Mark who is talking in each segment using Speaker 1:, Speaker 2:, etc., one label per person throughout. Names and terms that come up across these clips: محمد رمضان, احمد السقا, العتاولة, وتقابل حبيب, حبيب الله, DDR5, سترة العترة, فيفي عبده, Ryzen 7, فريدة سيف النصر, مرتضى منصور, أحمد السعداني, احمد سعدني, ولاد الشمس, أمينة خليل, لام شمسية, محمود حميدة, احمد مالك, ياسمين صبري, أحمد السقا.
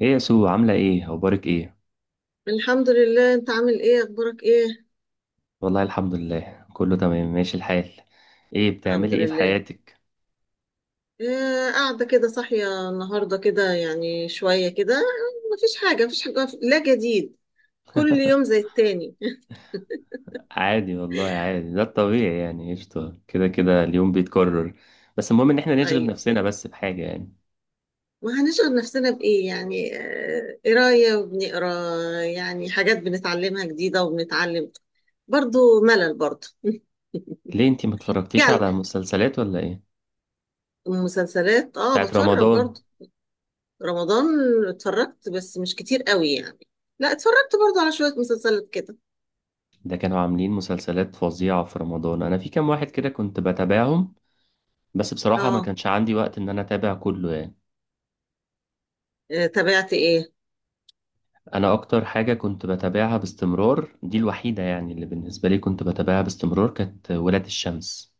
Speaker 1: ايه يا سو؟ عاملة ايه؟ اخبارك ايه؟
Speaker 2: الحمد لله. انت عامل ايه؟ اخبارك ايه؟
Speaker 1: والله الحمد لله، كله تمام ماشي الحال. ايه
Speaker 2: الحمد
Speaker 1: بتعملي ايه في
Speaker 2: لله.
Speaker 1: حياتك؟
Speaker 2: إيه، قاعده كده صاحيه النهارده كده يعني شويه كده، مفيش حاجه، لا جديد. كل يوم زي التاني.
Speaker 1: عادي والله عادي، ده الطبيعي يعني، قشطة، كده كده اليوم بيتكرر. بس المهم ان احنا نشغل
Speaker 2: ايوه.
Speaker 1: نفسنا بس بحاجة يعني.
Speaker 2: وهنشغل نفسنا بايه يعني؟ قرايه، وبنقرا يعني حاجات بنتعلمها جديده، وبنتعلم برضو. ملل برضو.
Speaker 1: ليه انتي ما اتفرجتيش
Speaker 2: جعل.
Speaker 1: على مسلسلات ولا ايه؟
Speaker 2: مسلسلات، اه،
Speaker 1: بتاعت
Speaker 2: بتفرج
Speaker 1: رمضان؟
Speaker 2: برضو. رمضان. اتفرجت بس مش كتير قوي يعني. لا، اتفرجت برضو على شويه مسلسلات كده.
Speaker 1: ده كانوا عاملين مسلسلات فظيعة في رمضان، انا في كام واحد كده كنت بتابعهم، بس بصراحة ما
Speaker 2: اه.
Speaker 1: كانش عندي وقت ان انا اتابع كله يعني.
Speaker 2: تابعت ايه؟
Speaker 1: انا اكتر حاجه كنت بتابعها باستمرار، دي الوحيده يعني اللي بالنسبه لي كنت بتابعها باستمرار، كانت ولاد الشمس.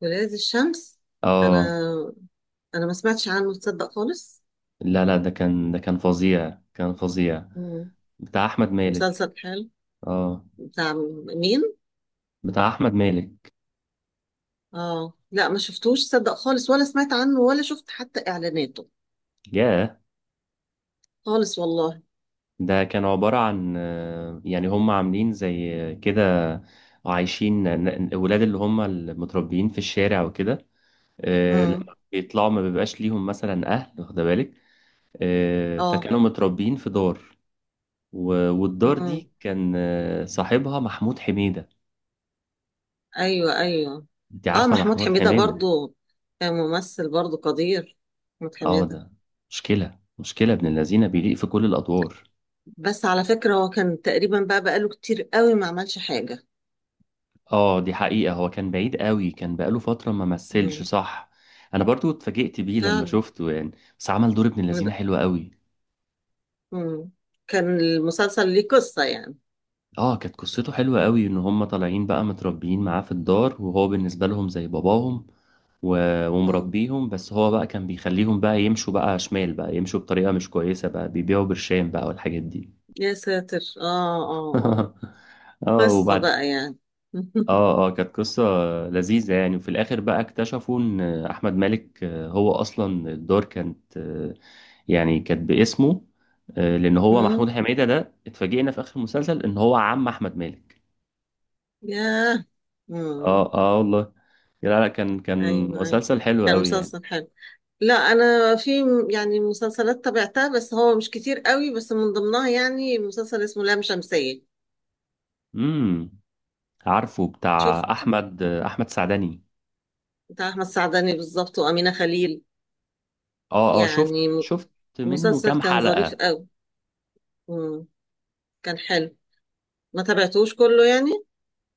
Speaker 2: ولاد الشمس.
Speaker 1: اه.
Speaker 2: انا انا ما سمعتش عنه تصدق، خالص.
Speaker 1: لا لا، ده كان فظيع، كان فظيع.
Speaker 2: مم.
Speaker 1: بتاع احمد مالك.
Speaker 2: مسلسل حلو.
Speaker 1: اه،
Speaker 2: بتاع مين؟
Speaker 1: بتاع احمد مالك.
Speaker 2: اه، لا، ما شفتوش تصدق، خالص، ولا سمعت عنه، ولا شفت حتى اعلاناته.
Speaker 1: ياه،
Speaker 2: خالص والله.
Speaker 1: ده كان عباره عن يعني هم عاملين زي كده، عايشين الولاد اللي هم المتربيين في الشارع وكده.
Speaker 2: امم.
Speaker 1: لما بيطلعوا ما بيبقاش ليهم مثلا اهل، واخد بالك؟
Speaker 2: اه.
Speaker 1: فكانوا متربيين في دار، والدار
Speaker 2: امم.
Speaker 1: دي كان صاحبها محمود حميدة.
Speaker 2: ايوه، ايوه.
Speaker 1: انت
Speaker 2: اه،
Speaker 1: عارفة
Speaker 2: محمود
Speaker 1: محمود
Speaker 2: حميدة
Speaker 1: حميدة؟
Speaker 2: برضو كان ممثل برضو قدير، محمود
Speaker 1: اه
Speaker 2: حميدة.
Speaker 1: ده مشكلة، مشكلة ابن الذين، بيليق في كل الأدوار.
Speaker 2: بس على فكرة هو كان تقريبا بقى بقاله كتير قوي ما عملش حاجة.
Speaker 1: اه، دي حقيقة، هو كان بعيد قوي، كان بقاله فترة ما مثلش،
Speaker 2: امم.
Speaker 1: صح. انا برضو اتفاجئت بيه لما
Speaker 2: فعلا.
Speaker 1: شفته يعني. بس عمل دور ابن الذين حلو قوي.
Speaker 2: مم. كان المسلسل ليه قصة يعني؟
Speaker 1: اه كانت قصته حلوة قوي، ان هم طالعين بقى متربيين معاه في الدار، وهو بالنسبة لهم زي باباهم
Speaker 2: مم.
Speaker 1: ومربيهم، بس هو بقى كان بيخليهم بقى يمشوا بقى شمال، بقى يمشوا بطريقة مش كويسة، بقى بيبيعوا برشام بقى والحاجات دي.
Speaker 2: يا ساتر، اه، اه، اه.
Speaker 1: اه
Speaker 2: قصة
Speaker 1: وبعد.
Speaker 2: بقى يعني.
Speaker 1: اه كانت قصة لذيذة يعني. وفي الآخر بقى اكتشفوا إن أحمد مالك هو أصلا الدار كانت يعني كانت باسمه، لأن هو
Speaker 2: مم.
Speaker 1: محمود حميدة ده، اتفاجئنا في آخر المسلسل إن هو عم أحمد مالك.
Speaker 2: ياه. مم.
Speaker 1: اه والله. لا، كان
Speaker 2: ايوه، ايوه.
Speaker 1: مسلسل حلو
Speaker 2: كان
Speaker 1: قوي يعني.
Speaker 2: مسلسل حلو. لا، انا في يعني مسلسلات تابعتها بس هو مش كتير قوي، بس من ضمنها يعني مسلسل اسمه لام شمسية.
Speaker 1: امم، عارفه بتاع
Speaker 2: شفت.
Speaker 1: احمد، احمد سعدني؟
Speaker 2: بتاع احمد سعداني بالظبط، وامينة خليل.
Speaker 1: اه اه، شفت
Speaker 2: يعني م-
Speaker 1: شفت، منه
Speaker 2: مسلسل
Speaker 1: كام
Speaker 2: كان ظريف
Speaker 1: حلقة.
Speaker 2: قوي. مم. كان حلو. ما تابعتوش كله يعني.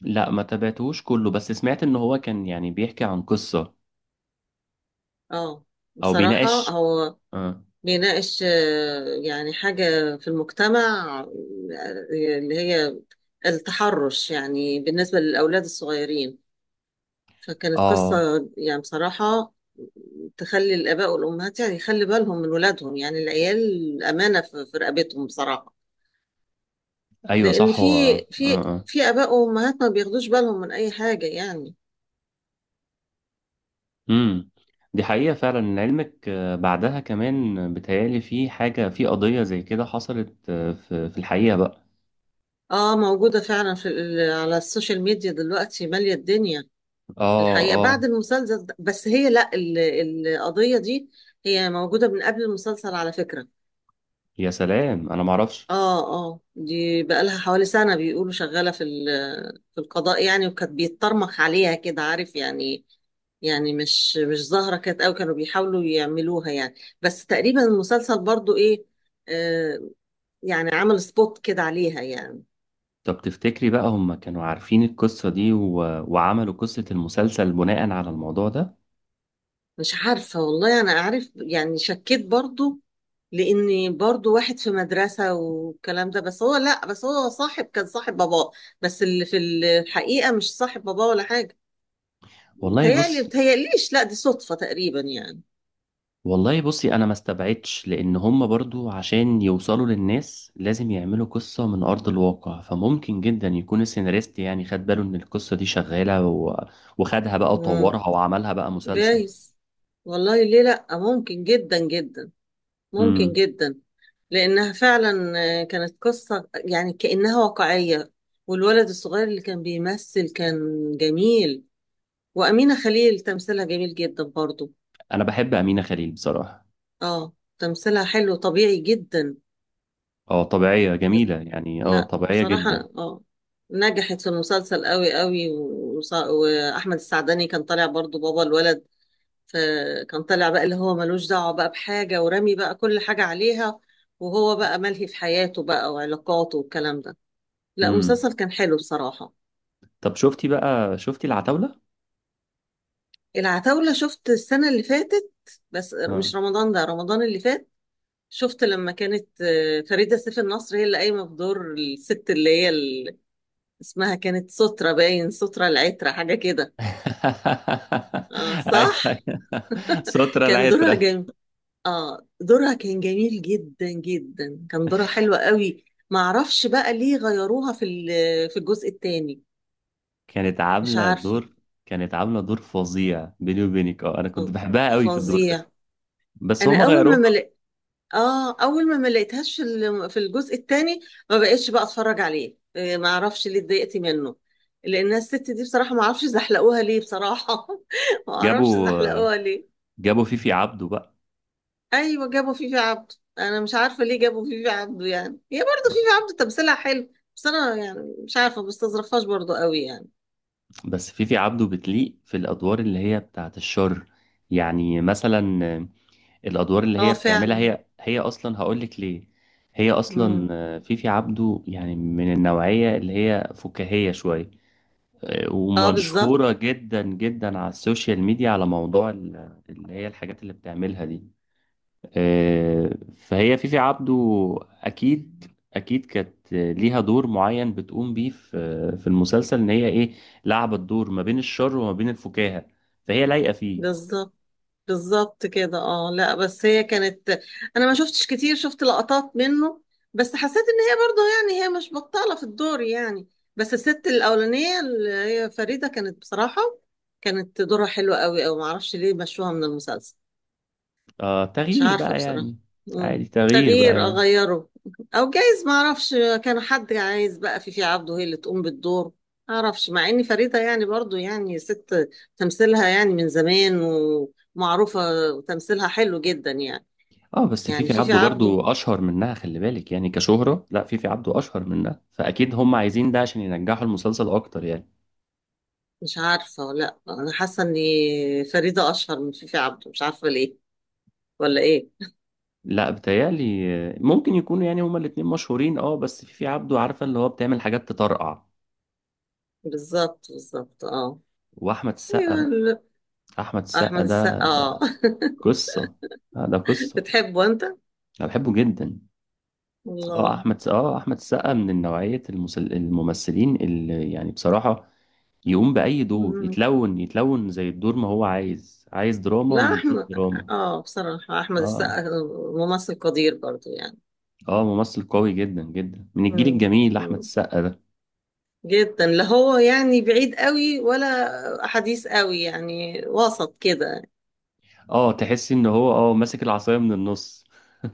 Speaker 1: لا ما تابعتهوش كله، بس سمعت ان هو كان يعني بيحكي عن قصة
Speaker 2: اه.
Speaker 1: او
Speaker 2: بصراحة
Speaker 1: بيناقش.
Speaker 2: هو
Speaker 1: اه.
Speaker 2: بيناقش يعني حاجة في المجتمع، اللي هي التحرش يعني، بالنسبة للأولاد الصغيرين. فكانت
Speaker 1: آه.
Speaker 2: قصة يعني بصراحة تخلي الآباء والأمهات يعني، يخلي بالهم من ولادهم. يعني العيال أمانة في رقبتهم بصراحة.
Speaker 1: ايوه
Speaker 2: لأن
Speaker 1: صح،
Speaker 2: في،
Speaker 1: هو اه
Speaker 2: في
Speaker 1: اه.
Speaker 2: في آباء وأمهات ما بياخدوش بالهم من أي حاجة يعني.
Speaker 1: امم، دي حقيقة فعلا، علمك بعدها كمان بتهيألي في حاجة، في قضية زي كده حصلت في في الحقيقة بقى.
Speaker 2: اه، موجودة فعلا في على السوشيال ميديا دلوقتي، مالية الدنيا.
Speaker 1: اه
Speaker 2: الحقيقة
Speaker 1: اه،
Speaker 2: بعد المسلسل ده، بس هي لا، القضية دي هي موجودة من قبل المسلسل على فكرة.
Speaker 1: يا سلام انا معرفش.
Speaker 2: اه، اه، دي بقالها حوالي سنة بيقولوا شغالة في في القضاء يعني، وكانت بيتطرمخ عليها كده عارف يعني. يعني مش ظاهرة كانت قوي، كانوا بيحاولوا يعملوها يعني. بس تقريبا المسلسل برضو ايه، آه يعني عمل سبوت كده عليها يعني.
Speaker 1: طب تفتكري بقى هم كانوا عارفين القصة دي، و... وعملوا قصة المسلسل بناء على الموضوع ده؟
Speaker 2: مش عارفة، والله أنا أعرف يعني، شكيت برضو، لأني برضو واحد في مدرسة والكلام ده، بس هو لأ، بس هو صاحب، كان صاحب باباه، بس اللي في الحقيقة مش صاحب باباه ولا حاجة.
Speaker 1: والله
Speaker 2: بتهيألي
Speaker 1: بص،
Speaker 2: بتهيأليش لأ، دي صدفة تقريبا يعني.
Speaker 1: والله بصي، أنا ما استبعدش لأن هم برضو عشان يوصلوا للناس لازم يعملوا قصة من أرض الواقع، فممكن جدا يكون السيناريست يعني خد باله إن القصة دي شغالة، و... وخدها بقى
Speaker 2: مم.
Speaker 1: وطورها وعملها بقى مسلسل.
Speaker 2: جايز، والله ليه لأ، ممكن جدا جدا، ممكن
Speaker 1: امم.
Speaker 2: جدا. لأنها فعلا كانت قصة يعني، كأنها واقعية. والولد الصغير اللي كان بيمثل كان جميل. وأمينة خليل تمثيلها جميل جدا برضو.
Speaker 1: أنا بحب أمينة خليل بصراحة.
Speaker 2: اه، تمثيلها حلو، طبيعي جدا.
Speaker 1: اه طبيعية جميلة يعني، اه
Speaker 2: لا
Speaker 1: طبيعية
Speaker 2: بصراحة،
Speaker 1: جدا.
Speaker 2: اه، نجحت في المسلسل قوي قوي. وأحمد السعداني كان طالع برضو بابا الولد. فكان طالع بقى اللي هو ملوش دعوة بقى بحاجة، ورامي بقى كل حاجة عليها. وهو بقى ملهي في حياته بقى، وعلاقاته، والكلام ده. لا،
Speaker 1: امم.
Speaker 2: المسلسل كان حلو بصراحة.
Speaker 1: طب شفتي بقى، شفتي العتاولة؟
Speaker 2: العتاولة؟ شفت السنة اللي فاتت، بس
Speaker 1: اه.
Speaker 2: مش رمضان ده، رمضان اللي فات. شفت لما كانت فريدة سيف النصر هي اللي قايمة بدور الست اللي هي اسمها كانت سترة، باين سترة العترة، حاجة كده. اه،
Speaker 1: ايوه
Speaker 2: صح.
Speaker 1: أيوة. سترة
Speaker 2: كان دورها
Speaker 1: العترة.
Speaker 2: جميل. اه، دورها كان جميل جدا جدا، كان دورها حلو قوي. معرفش بقى ليه غيروها في في الجزء الثاني.
Speaker 1: كانت
Speaker 2: مش
Speaker 1: عاملة
Speaker 2: عارفة.
Speaker 1: دور، كانت عاملة دور فظيع بيني وبينك، اه انا
Speaker 2: ف-
Speaker 1: كنت بحبها قوي في الدور ده.
Speaker 2: فظيع.
Speaker 1: بس
Speaker 2: انا
Speaker 1: هما
Speaker 2: اول
Speaker 1: غيروها.
Speaker 2: ما، اه، اول ما لقيتهاش في في الجزء الثاني، ما بقتش بقى اتفرج عليه. ما اعرفش ليه اتضايقت منه. لان الست دي بصراحه ما اعرفش زحلقوها ليه بصراحه. ما اعرفش
Speaker 1: جابوا،
Speaker 2: زحلقوها ليه.
Speaker 1: جابوا فيفي عبده بقى.
Speaker 2: ايوه، جابوا فيفي عبده. انا مش عارفه ليه جابوا فيفي عبده يعني. هي برضه فيفي عبده تمثيلها حلو، بس انا يعني مش عارفه، ما بستظرفهاش برضه قوي يعني.
Speaker 1: بس فيفي عبده بتليق في الادوار اللي هي بتاعت الشر، يعني مثلا الادوار اللي
Speaker 2: اه،
Speaker 1: هي بتعملها،
Speaker 2: فعلا.
Speaker 1: هي اصلا هقول لك ليه. هي
Speaker 2: امم.
Speaker 1: اصلا فيفي عبده يعني من النوعية اللي هي فكاهية شوية،
Speaker 2: اه. بالظبط.
Speaker 1: ومشهورة جدا جدا على السوشيال ميديا على موضوع اللي هي الحاجات اللي بتعملها دي. فهي فيفي عبده أكيد، أكيد كانت ليها دور معين بتقوم بيه في في المسلسل، إن هي إيه، لعبت دور ما بين الشر وما بين الفكاهة، فهي لايقة فيه.
Speaker 2: بالظبط، بالظبط كده. اه، لا، بس هي كانت، انا ما شفتش كتير، شفت لقطات منه، بس حسيت ان هي برضه يعني، هي مش بطالة في الدور يعني. بس الست الاولانية اللي هي فريدة كانت بصراحة، كانت دورها حلو قوي. او ما اعرفش ليه مشوها من المسلسل،
Speaker 1: آه
Speaker 2: مش
Speaker 1: تغيير
Speaker 2: عارفة
Speaker 1: بقى
Speaker 2: بصراحة.
Speaker 1: يعني. عادي،
Speaker 2: مم.
Speaker 1: تغيير بقى
Speaker 2: تغيير،
Speaker 1: يعني.
Speaker 2: أغيره. أو جايز ما أعرفش، كان حد عايز بقى في في عبده هي اللي تقوم بالدور. ما أعرفش، مع إن فريدة يعني برضو يعني ست تمثيلها يعني من زمان، ومعروفة، وتمثيلها حلو جدا يعني.
Speaker 1: اه بس
Speaker 2: يعني
Speaker 1: فيفي
Speaker 2: في في
Speaker 1: عبده
Speaker 2: عبده،
Speaker 1: برضو اشهر منها، خلي بالك يعني كشهرة، لا فيفي عبده اشهر منها، فاكيد هم عايزين ده عشان ينجحوا المسلسل اكتر يعني.
Speaker 2: مش عارفة، ولا أنا حاسة إن فريدة أشهر من في في عبده، مش عارفة ليه ولا إيه.
Speaker 1: لا بتهيألي ممكن يكونوا يعني هما الاتنين مشهورين، اه بس في في عبده عارفة اللي هو بتعمل حاجات تطرقع.
Speaker 2: بالظبط، بالظبط، أه.
Speaker 1: واحمد السقا
Speaker 2: أيوة،
Speaker 1: بقى، احمد السقا
Speaker 2: أحمد السقا،
Speaker 1: ده
Speaker 2: أه.
Speaker 1: ده قصة، ده قصة.
Speaker 2: بتحبه أنت؟
Speaker 1: انا بحبه جدا. اه
Speaker 2: والله.
Speaker 1: احمد السقا من نوعية الممثلين اللي يعني بصراحة يقوم بأي دور،
Speaker 2: مم.
Speaker 1: يتلون، يتلون زي الدور ما هو عايز، عايز دراما
Speaker 2: لا،
Speaker 1: يديك
Speaker 2: احمد،
Speaker 1: دراما.
Speaker 2: اه، بصراحة احمد
Speaker 1: اه
Speaker 2: السقا ممثل قدير برضو يعني.
Speaker 1: اه ممثل قوي جدا جدا، من الجيل
Speaker 2: مم.
Speaker 1: الجميل احمد
Speaker 2: مم.
Speaker 1: السقا ده.
Speaker 2: جدا. لا هو يعني بعيد قوي ولا حديث قوي يعني، وسط كده.
Speaker 1: اه تحس ان هو اه ماسك العصاية من النص.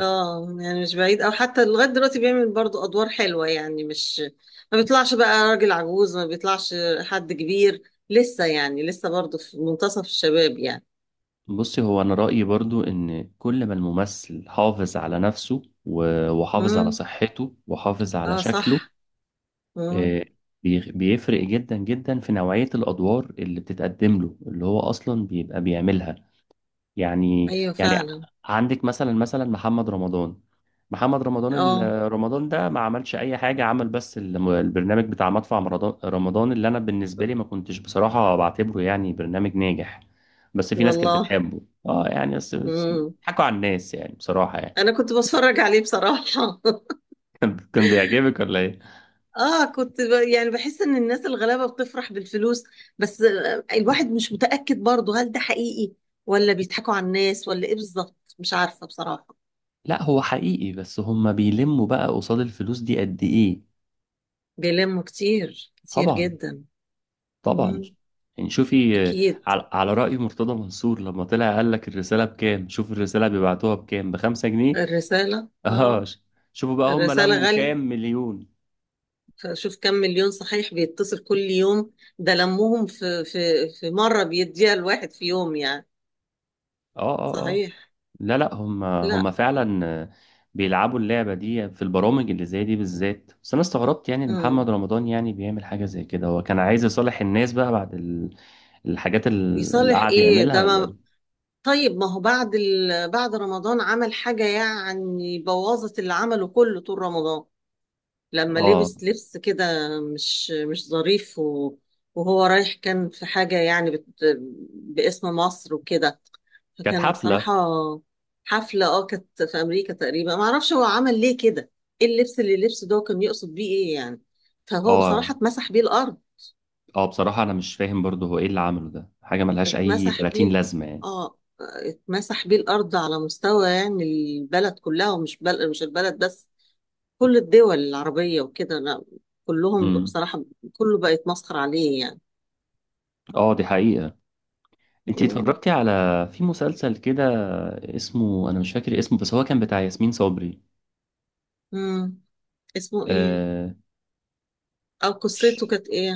Speaker 2: اه، يعني مش بعيد، او حتى لغاية دلوقتي بيعمل برضو ادوار حلوة يعني، مش ما بيطلعش بقى راجل عجوز، ما بيطلعش حد كبير لسه يعني، لسه برضو في منتصف الشباب يعني.
Speaker 1: بصي هو أنا رأيي برضو إن كل ما الممثل حافظ على نفسه وحافظ على
Speaker 2: مم.
Speaker 1: صحته وحافظ على
Speaker 2: اه،
Speaker 1: شكله،
Speaker 2: صح. مم.
Speaker 1: آه، بيفرق جدا جدا في نوعية الأدوار اللي بتتقدم له، اللي هو أصلا بيبقى بيعملها يعني.
Speaker 2: ايوه،
Speaker 1: يعني
Speaker 2: فعلا.
Speaker 1: عندك مثلا محمد رمضان. محمد رمضان
Speaker 2: اه،
Speaker 1: رمضان ده ما عملش اي حاجه، عمل بس البرنامج بتاع مدفع رمضان، اللي انا بالنسبه لي ما كنتش بصراحه بعتبره يعني برنامج ناجح. بس في ناس كانت
Speaker 2: والله.
Speaker 1: بتحبه. اه يعني بس
Speaker 2: مم.
Speaker 1: حكوا على الناس يعني بصراحه يعني.
Speaker 2: انا كنت بتفرج عليه بصراحة.
Speaker 1: كان بيعجبك ولا ايه؟
Speaker 2: اه، كنت يعني بحس ان الناس الغلابة بتفرح بالفلوس. بس الواحد مش متأكد برضه، هل ده حقيقي، ولا بيضحكوا على الناس، ولا ايه بالظبط، مش عارفة بصراحة.
Speaker 1: لا هو حقيقي، بس هما بيلموا بقى قصاد الفلوس دي قد ايه.
Speaker 2: بيلموا كتير كتير
Speaker 1: طبعا،
Speaker 2: جدا.
Speaker 1: طبعا.
Speaker 2: مم.
Speaker 1: يعني شوفي
Speaker 2: اكيد.
Speaker 1: على على رأي مرتضى منصور، لما طلع قال لك الرسالة بكام، شوف الرسالة بيبعتوها بكام، بخمسة جنيه.
Speaker 2: الرسالة،
Speaker 1: اه
Speaker 2: اه.
Speaker 1: ش- شوفوا بقى هم
Speaker 2: الرسالة
Speaker 1: لموا كام
Speaker 2: غالية.
Speaker 1: مليون.
Speaker 2: فشوف كم مليون صحيح بيتصل كل يوم. ده لمهم في، في مرة بيديها الواحد في يوم يعني.
Speaker 1: اه اه اه.
Speaker 2: صحيح.
Speaker 1: لا لا، هم
Speaker 2: لا.
Speaker 1: فعلا بيلعبوا اللعبة دي في البرامج اللي زي دي بالذات. بس انا استغربت يعني ان
Speaker 2: مم.
Speaker 1: محمد رمضان يعني بيعمل حاجة زي كده، هو كان عايز يصالح الناس بقى بعد الحاجات اللي
Speaker 2: يصالح
Speaker 1: قعد
Speaker 2: ايه
Speaker 1: يعملها
Speaker 2: ده؟
Speaker 1: ولا
Speaker 2: ما
Speaker 1: ايه.
Speaker 2: طيب، ما هو بعد بعد رمضان عمل حاجة يعني بوظت اللي عمله كله طول رمضان. لما
Speaker 1: اه،
Speaker 2: لبس كده، مش ظريف، و... وهو رايح كان في حاجة يعني باسم مصر وكده.
Speaker 1: كانت
Speaker 2: فكان بصراحة،
Speaker 1: حفلة.
Speaker 2: حفلة، اه، كانت في أمريكا تقريبا. ما اعرفش هو عمل ليه كده، ايه اللبس اللي لبسه ده، وكان يقصد بيه ايه يعني. فهو
Speaker 1: اه
Speaker 2: بصراحة اتمسح بيه الأرض.
Speaker 1: اه، بصراحة انا مش فاهم برضه هو ايه اللي عمله ده، حاجة ملهاش اي
Speaker 2: اتمسح بيه
Speaker 1: 30 لازمة يعني.
Speaker 2: اه، اتمسح بيه الارض على مستوى يعني البلد كلها، ومش مش البلد بس، كل الدول العربية وكده. لا، كلهم
Speaker 1: امم.
Speaker 2: بصراحة، كله بقى يتمسخر عليه يعني.
Speaker 1: اه دي حقيقة. انتي اتفرجتي على، في مسلسل كده اسمه، انا مش فاكر اسمه، بس هو كان بتاع ياسمين صبري.
Speaker 2: امم. اسمه ايه؟
Speaker 1: آه...
Speaker 2: او
Speaker 1: مش...
Speaker 2: قصته كانت ايه؟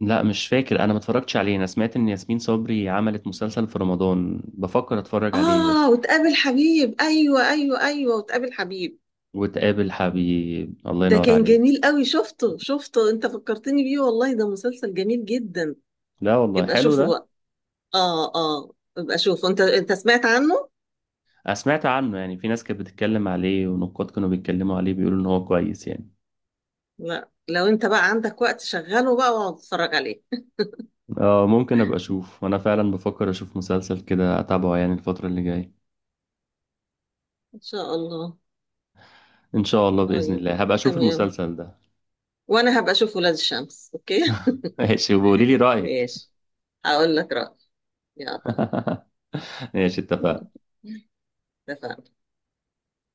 Speaker 1: لا مش فاكر، انا ما اتفرجتش عليه، انا سمعت ان ياسمين صبري عملت مسلسل في رمضان، بفكر اتفرج عليه
Speaker 2: اه،
Speaker 1: بس.
Speaker 2: وتقابل حبيب. ايوه، ايوه، ايوه، وتقابل حبيب.
Speaker 1: وتقابل حبيب، الله
Speaker 2: ده
Speaker 1: ينور
Speaker 2: كان
Speaker 1: عليك.
Speaker 2: جميل قوي. شفته، شفته، انت فكرتني بيه والله، ده مسلسل جميل جدا.
Speaker 1: لا والله
Speaker 2: ابقى
Speaker 1: حلو
Speaker 2: شوفه
Speaker 1: ده.
Speaker 2: بقى. اه، اه، ابقى شوفه، انت سمعت عنه.
Speaker 1: انا سمعت عنه يعني، في ناس كانت بتتكلم عليه، ونقاد كانوا بيتكلموا عليه بيقولوا ان هو كويس يعني.
Speaker 2: لا، لو انت بقى عندك وقت شغله بقى، واقعد اتفرج عليه.
Speaker 1: اه ممكن ابقى اشوف، وانا فعلا بفكر اشوف مسلسل كده اتابعه يعني الفترة اللي جاية.
Speaker 2: ان شاء الله.
Speaker 1: ان شاء الله باذن
Speaker 2: طيب،
Speaker 1: الله هبقى اشوف
Speaker 2: تمام.
Speaker 1: المسلسل ده.
Speaker 2: وانا هبقى اشوف ولاد الشمس، اوكي.
Speaker 1: ماشي وقولي لي رأيك.
Speaker 2: ماشي. هقول لك رأيي. يلا.
Speaker 1: ماشي، اتفقنا.
Speaker 2: اتفقنا.